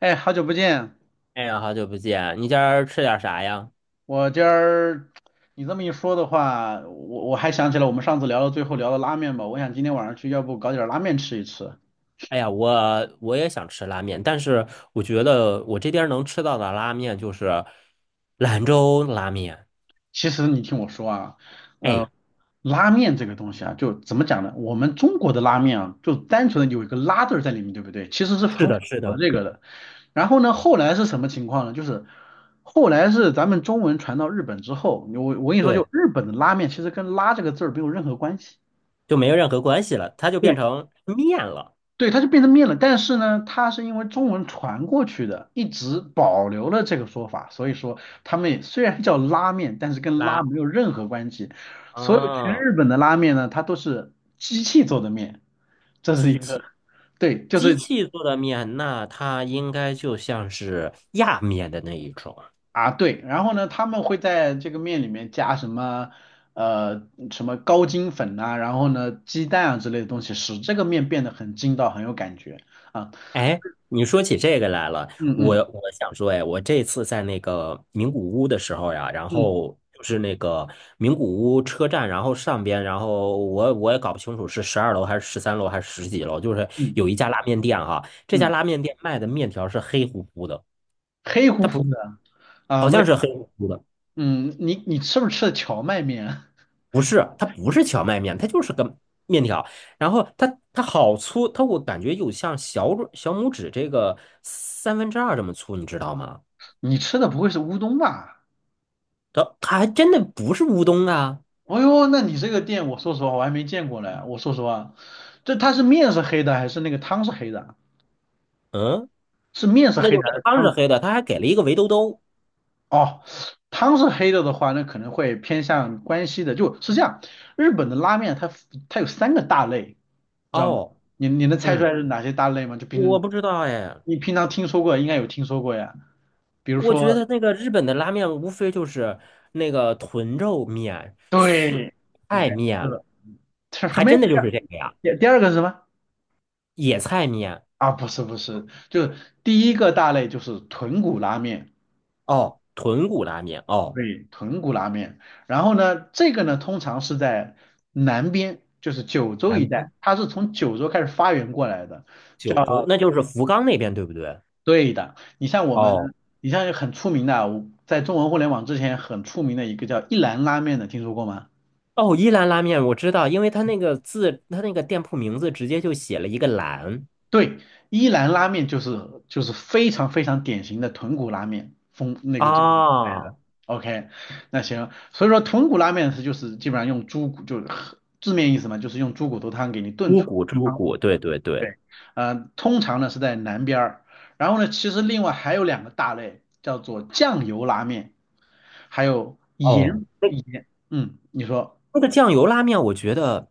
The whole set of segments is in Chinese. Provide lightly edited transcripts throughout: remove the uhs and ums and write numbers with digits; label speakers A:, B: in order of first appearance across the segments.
A: 哎，好久不见！
B: 哎呀，好久不见！你今儿吃点啥呀？
A: 我今儿你这么一说的话，我还想起来我们上次聊到最后聊到拉面吧。我想今天晚上去，要不搞点拉面吃一吃。
B: 哎呀，我也想吃拉面，但是我觉得我这边能吃到的拉面就是兰州拉面。
A: 其实你听我说啊，
B: 哎，
A: 呃，拉面这个东西啊，就怎么讲呢？我们中国的拉面啊，就单纯的有一个拉字儿在里面，对不对？其实是
B: 是
A: 很符
B: 的，是
A: 合
B: 的，
A: 这个的。然后呢，后来是什么情况呢？就是后来是咱们中文传到日本之后，我跟你说，就
B: 对，
A: 日本的拉面其实跟拉这个字儿没有任何关系。
B: 就没有任何关系了，它就变
A: 对。
B: 成面了。
A: 对，它就变成面了。但是呢，它是因为中文传过去的，一直保留了这个说法，所以说他们也虽然叫拉面，但是跟拉
B: 拉，
A: 没有任何关系。所有全
B: 啊，
A: 日本的拉面呢，它都是机器做的面，这是
B: 机
A: 一个
B: 器
A: 对，就
B: 机
A: 是
B: 器做的面，那它应该就像是压面的那一种。
A: 啊对。然后呢，他们会在这个面里面加什么高筋粉呐、然后呢鸡蛋啊之类的东西，使这个面变得很筋道，很有感觉啊。
B: 哎，你说起这个来了，
A: 嗯
B: 我
A: 嗯
B: 我想说，哎，我这次在那个名古屋的时候呀，然
A: 嗯
B: 后就是那个名古屋车站，然后上边，然后我也搞不清楚是12楼还是13楼还是十几楼，就是
A: 嗯
B: 有一家拉面店哈，这家
A: 嗯，
B: 拉面店卖的面条是黑乎乎的，
A: 黑乎
B: 它
A: 乎
B: 不
A: 的啊，
B: 好像是黑乎乎的，
A: 嗯，你吃不吃的荞麦面啊？
B: 不是，它不是荞麦面，它就是个面条，然后它好粗，它我感觉有像小拇指这个2/3这么粗，你知道吗？
A: 你吃的不会是乌冬吧？
B: 它还真的不是乌冬啊。
A: 哦呦，那你这个店，我说实话我还没见过嘞。我说实话，它是面是黑的还是那个汤是黑的啊？
B: 嗯，
A: 是面是
B: 那
A: 黑
B: 就
A: 的还
B: 是
A: 是
B: 汤
A: 汤
B: 是
A: 是
B: 黑的，它还给了一个围兜兜。
A: 哦，汤是黑的的话，那可能会偏向关西的。就是这样，日本的拉面它有三个大类，知道吗？
B: 哦，
A: 你能猜出来
B: 嗯，
A: 是哪些大类吗？就平
B: 我
A: 时
B: 不知道哎，
A: 你平常听说过，应该有听说过呀。比如
B: 我觉
A: 说，
B: 得那个日本的拉面无非就是那个豚肉面、素
A: 对，你
B: 菜
A: 看这
B: 面，
A: 个，这什
B: 还
A: 么呀？
B: 真的就是这个呀，
A: 第二个是什么？
B: 野菜面。
A: 啊，不是不是，就是第一个大类就是豚骨拉面，
B: 哦，豚骨拉面。哦，
A: 对，豚骨拉面。然后呢，这个呢通常是在南边，就是九州一
B: 南
A: 带，
B: 边
A: 它是从九州开始发源过来的，
B: 九州，
A: 叫
B: 那就是福冈那边对不对？
A: 对的。
B: 哦。
A: 你像很出名的啊，在中文互联网之前很出名的一个叫一兰拉面的，听说过吗？
B: 哦，一兰拉面我知道，因为它那个字，它那个店铺名字直接就写了一个"兰"
A: 对，伊兰拉面就是非常非常典型的豚骨拉面风那个这个带的。
B: 啊。
A: OK，那行，所以说豚骨拉面就是基本上用猪骨，就是字面意思嘛，就是用猪骨头汤给你炖
B: 猪
A: 出
B: 骨猪
A: 汤。
B: 骨，对对对。
A: 对，通常呢是在南边儿，然后呢，其实另外还有两个大类，叫做酱油拉面，还有盐
B: 哦，那
A: 盐，嗯，你说
B: 那个酱油拉面，我觉得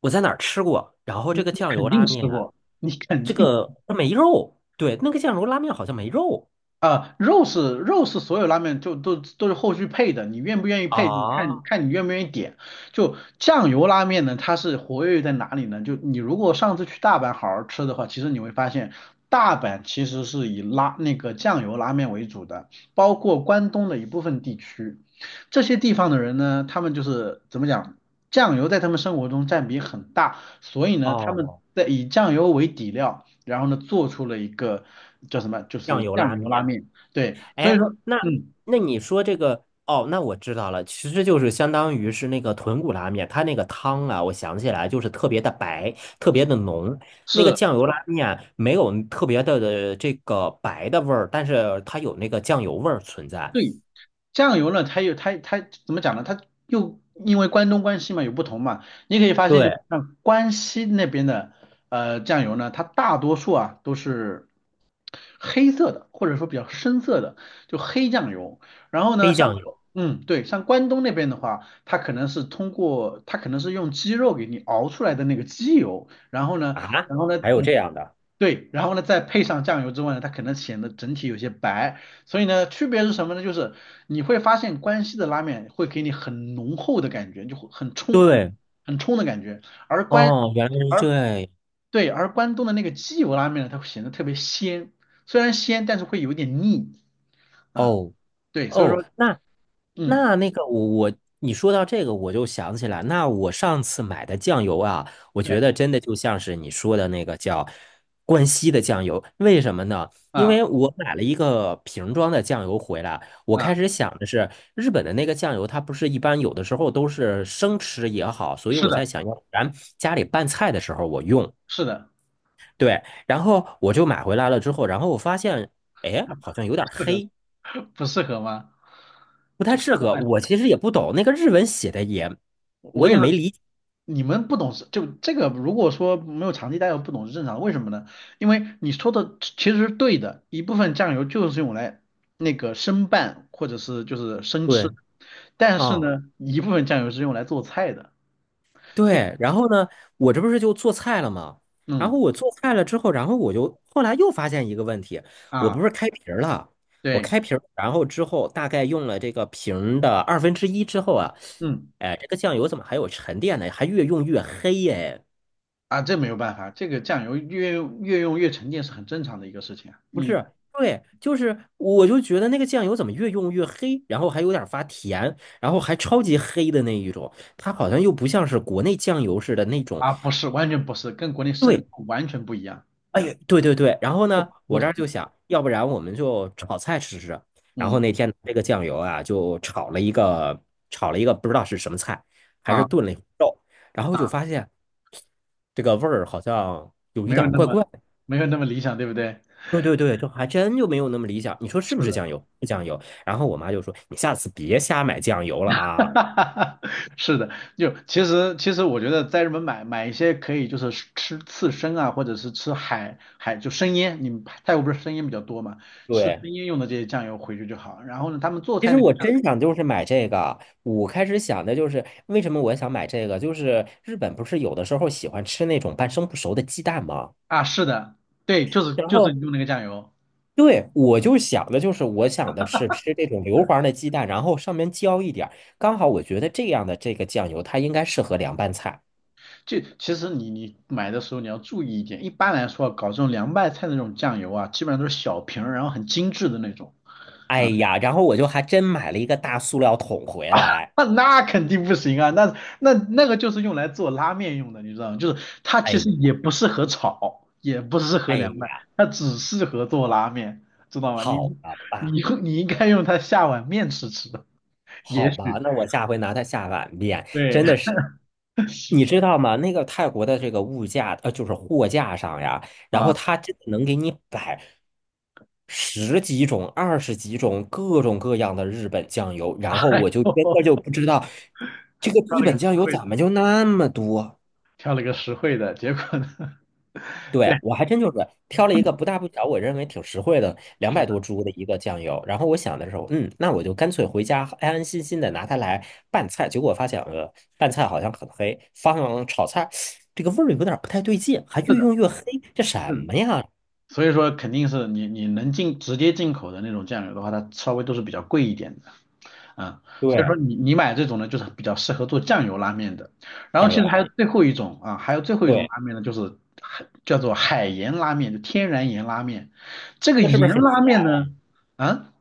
B: 我在哪儿吃过，然后这
A: 你
B: 个
A: 你
B: 酱
A: 肯
B: 油
A: 定
B: 拉
A: 吃
B: 面，
A: 过，你肯
B: 这
A: 定。
B: 个它没肉。对，那个酱油拉面好像没肉
A: 啊、肉是所有拉面就都是后续配的，你愿不愿意配，你看
B: 啊。
A: 看你愿不愿意点。就酱油拉面呢，它是活跃在哪里呢？就你如果上次去大阪好好吃的话，其实你会发现，大阪其实是以拉那个酱油拉面为主的，包括关东的一部分地区。这些地方的人呢，他们就是怎么讲，酱油在他们生活中占比很大，所以呢，他们
B: 哦，
A: 在以酱油为底料。然后呢，做出了一个叫什么，就
B: 酱
A: 是
B: 油
A: 酱
B: 拉
A: 油拉
B: 面。
A: 面。对，所以
B: 哎，
A: 说，
B: 那
A: 嗯，
B: 那你说这个，哦，那我知道了，其实就是相当于是那个豚骨拉面，它那个汤啊，我想起来就是特别的白，特别的浓，那个
A: 是
B: 酱油拉面没有特别的这个白的味儿，但是它有那个酱油味儿存在。
A: 对酱油呢，它有它怎么讲呢？它又因为关东关西嘛有不同嘛，你可以发现就
B: 对，
A: 是像关西那边的酱油呢，它大多数啊都是黑色的，或者说比较深色的，就黑酱油。然后呢，
B: 黑酱
A: 像
B: 油
A: 嗯，对，像关东那边的话，它可能是通过，它可能是用鸡肉给你熬出来的那个鸡油，然后呢，
B: 啊，
A: 然后呢，
B: 还有这
A: 嗯，
B: 样的？
A: 对，然后呢再配上酱油之外呢，它可能显得整体有些白。所以呢，区别是什么呢？就是你会发现关西的拉面会给你很浓厚的感觉，就会很冲，
B: 对，
A: 很冲的感觉，而关。
B: 哦，原来是
A: 而。
B: 这样。
A: 对，而关东的那个鸡油拉面呢，它会显得特别鲜，虽然鲜，但是会有一点腻。啊，
B: 哦
A: 对，所以
B: 哦，
A: 说，
B: 那
A: 嗯，
B: 那那个我你说到这个我就想起来，那我上次买的酱油啊，我
A: 对，
B: 觉得真的就像是你说的那个叫关西的酱油，为什么呢？因
A: 啊
B: 为我买了一个瓶装的酱油回来，我
A: 啊，
B: 开始想的是日本的那个酱油，它不是一般有的时候都是生吃也好，所以
A: 是
B: 我才
A: 的，
B: 想要咱家里拌菜的时候我用。
A: 是的，
B: 对，然后我就买回来了之后，然后我发现，哎，好像有点
A: 不适
B: 黑，
A: 合，不适合吗？
B: 不太适合。我其实也不懂那个日文写的也，
A: 我
B: 我
A: 跟你
B: 也没
A: 说，
B: 理解。
A: 你们不懂是就这个，如果说没有长期待过，不懂是正常的。为什么呢？因为你说的其实是对的，一部分酱油就是用来那个生拌或者是就是生吃，
B: 对，
A: 但是
B: 啊、
A: 呢，一部分酱油是用来做菜的。所以，
B: 对。然后呢，我这不是就做菜了吗？然
A: 嗯
B: 后我做菜了之后，然后我就后来又发现一个问题，我
A: 啊，
B: 不是开瓶儿了，我
A: 对，
B: 开瓶儿，然后之后大概用了这个瓶儿的1/2之后啊，
A: 嗯。
B: 哎，这个酱油怎么还有沉淀呢？还越用越黑耶、
A: 啊，这没有办法，这个酱油越用越沉淀是很正常的一个事情啊
B: 不是，对，就是我就觉得那个酱油怎么越用越黑，然后还有点发甜，然后还超级黑的那一种，它好像又不像是国内酱油似的那种。
A: 啊，不是，完全不是，跟国内生
B: 对，
A: 抽完全不一样，
B: 哎呀，对对对。然后
A: 不
B: 呢，
A: 不
B: 我这
A: 同，
B: 儿就想，要不然我们就炒菜吃吃。然后
A: 嗯
B: 那天这个酱油啊，就炒了一个不知道是什么菜，还是
A: 啊
B: 炖了一会儿肉，然后就
A: 啊，
B: 发现这个味儿好像有一
A: 没有
B: 点儿
A: 那
B: 怪
A: 么
B: 怪。
A: 没有那么理想，对不对？
B: 对对对，这还真就没有那么理想。你说是
A: 是
B: 不是
A: 的，
B: 酱油？是酱油。然后我妈就说："你下次别瞎买酱油了
A: 哈
B: 啊。"
A: 哈哈是的，就其实其实我觉得在日本买一些可以就是吃刺身啊，或者是吃海就生腌，你们泰国不是生腌比较多嘛，吃
B: 对，
A: 生腌用的这些酱油回去就好。然后呢，他们做
B: 其
A: 菜
B: 实
A: 那个
B: 我
A: 酱
B: 真想就是买这个。我开始想的就是为什么我想买这个，就是日本不是有的时候喜欢吃那种半生不熟的鸡蛋吗？
A: 啊，是的，对，就是
B: 然
A: 就是
B: 后
A: 用那个酱油。
B: 对，我想的是吃这种硫磺的鸡蛋，然后上面浇一点儿刚好我觉得这样的这个酱油它应该适合凉拌菜。
A: 就其实你你买的时候你要注意一点，一般来说啊搞这种凉拌菜的那种酱油啊，基本上都是小瓶儿，然后很精致的那种。
B: 哎呀，然后我就还真买了一个大塑料桶回来。
A: 那肯定不行啊，那个就是用来做拉面用的，你知道吗？就是它其实也
B: 哎
A: 不适合炒，也不适合
B: 哎
A: 凉拌，
B: 呀，
A: 它只适合做拉面，知道吗？
B: 好吧，
A: 你你应该用它下碗面吃吃，
B: 好
A: 也
B: 吧，
A: 许
B: 那我下回拿它下碗面，
A: 对
B: 真的是。你知道吗？那个泰国的这个物价，就是货架上呀，然后
A: 啊，
B: 他真的能给你摆十几种、二十几种各种各样的日本酱油，
A: 哎
B: 然后我就真
A: 呦
B: 的就不知道这个
A: 挑
B: 日
A: 了个
B: 本
A: 实
B: 酱油
A: 惠的，
B: 怎么就那么多。
A: 挑了个实惠的，结果呢？
B: 对，
A: 对，
B: 我还真就是挑了一个不大不小，我认为挺实惠的，两
A: 是
B: 百
A: 的，
B: 多铢的一个酱油。然后我想的时候，嗯，那我就干脆回家安安心心的拿它来拌菜。结果发现，拌菜好像很黑，放炒菜这个味儿有点儿不太对劲，还
A: 是
B: 越
A: 的，
B: 用越黑，这什
A: 是的。
B: 么呀？
A: 所以说肯定是你能进直接进口的那种酱油的话，它稍微都是比较贵一点的，嗯，所以
B: 对，
A: 说你买这种呢，就是比较适合做酱油拉面的。然后
B: 酱
A: 其
B: 油
A: 实还
B: 拉
A: 有
B: 面，
A: 最后一种啊，还有最后一种
B: 对，
A: 拉面呢，就是海叫做海盐拉面，就天然盐拉面。这个
B: 那是不
A: 盐
B: 是很
A: 拉
B: 咸？
A: 面呢，啊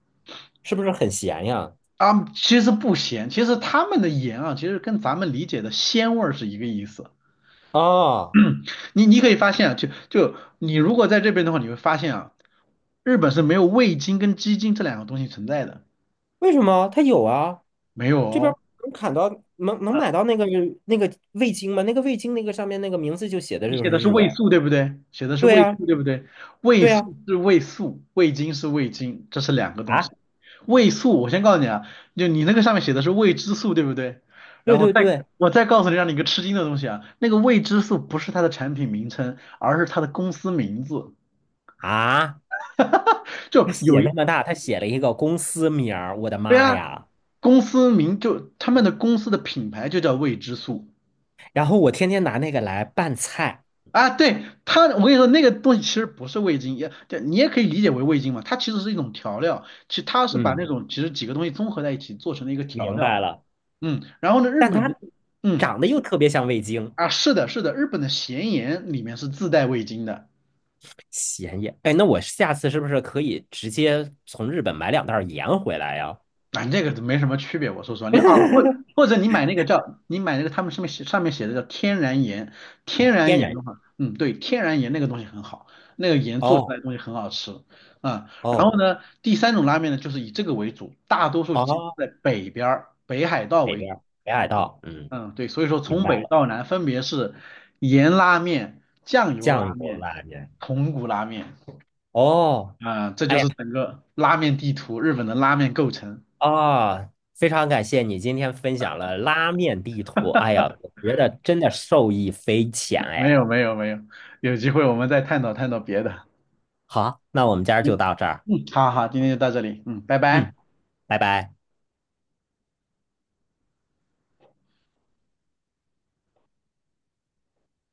B: 是不是很咸呀？
A: 啊，其实不咸，其实他们的盐啊，其实跟咱们理解的鲜味儿是一个意思。
B: 啊，
A: 你你可以发现啊，就你如果在这边的话，你会发现啊，日本是没有味精跟鸡精这两个东西存在的。
B: 为什么？它有啊，
A: 没有
B: 这边儿
A: 哦，
B: 能砍到能
A: 呃，
B: 买到那个味精吗？那个味精那个上面那个名字就写的
A: 你
B: 就
A: 写
B: 是
A: 的是
B: 日文。
A: 味素对不对？写的是
B: 对
A: 味
B: 呀、
A: 素对不对？味
B: 对呀，
A: 素是味素，味精是味精，这是两个东
B: 啊，
A: 西。味素，我先告诉你啊，就你那个上面写的是未知素对不对？然
B: 对
A: 后
B: 对
A: 再
B: 对，
A: 我再告诉你，让你一个吃惊的东西啊，那个未知素不是它的产品名称，而是它的公司名字。
B: 啊，他
A: 就有
B: 写
A: 一，
B: 那么大，他写了一个公司名儿，我的
A: 对
B: 妈
A: 啊，
B: 呀！
A: 公司名就他们的公司的品牌就叫未知素。
B: 然后我天天拿那个来拌菜，
A: 啊，对，它，我跟你说，那个东西其实不是味精，也对你也可以理解为味精嘛，它其实是一种调料，其实它是把那
B: 嗯，
A: 种其实几个东西综合在一起做成了一个调
B: 明
A: 料，
B: 白了。
A: 嗯，然后呢，日
B: 但
A: 本的，
B: 它
A: 嗯，
B: 长得又特别像味精，
A: 啊，是的，是的，日本的咸盐里面是自带味精的。
B: 咸盐。哎，那我下次是不是可以直接从日本买两袋儿盐回来呀？
A: 反正这个都没什么区别，我说实话，你啊，或者你买那个他们上面写的叫天然盐，天然
B: 天
A: 盐
B: 然。
A: 的话，嗯，对，天然盐那个东西很好，那个盐做出
B: 哦
A: 来的东西很好吃啊。然后
B: 哦
A: 呢，第三种拉面呢，就是以这个为主，大多数集中
B: 哦，
A: 在北边儿，北海道
B: 北
A: 为主，
B: 边儿北海道，嗯，
A: 嗯，对，所以说
B: 明
A: 从
B: 白
A: 北
B: 了。
A: 到南分别是盐拉面、酱油
B: 酱
A: 拉
B: 油
A: 面、
B: 拉面。
A: 豚骨拉面
B: 哦，
A: 啊，这
B: 哎
A: 就
B: 呀。
A: 是整个拉面地图，日本的拉面构成。
B: 啊，非常感谢你今天分享了拉面地图。哎呀，我觉得真的受益匪浅
A: 没
B: 哎。
A: 有没有没有，有机会我们再探讨探讨别的。
B: 好，那我们今儿就
A: 嗯，
B: 到这儿。
A: 嗯，好好，今天就到这里，嗯，拜拜。
B: 嗯，拜拜。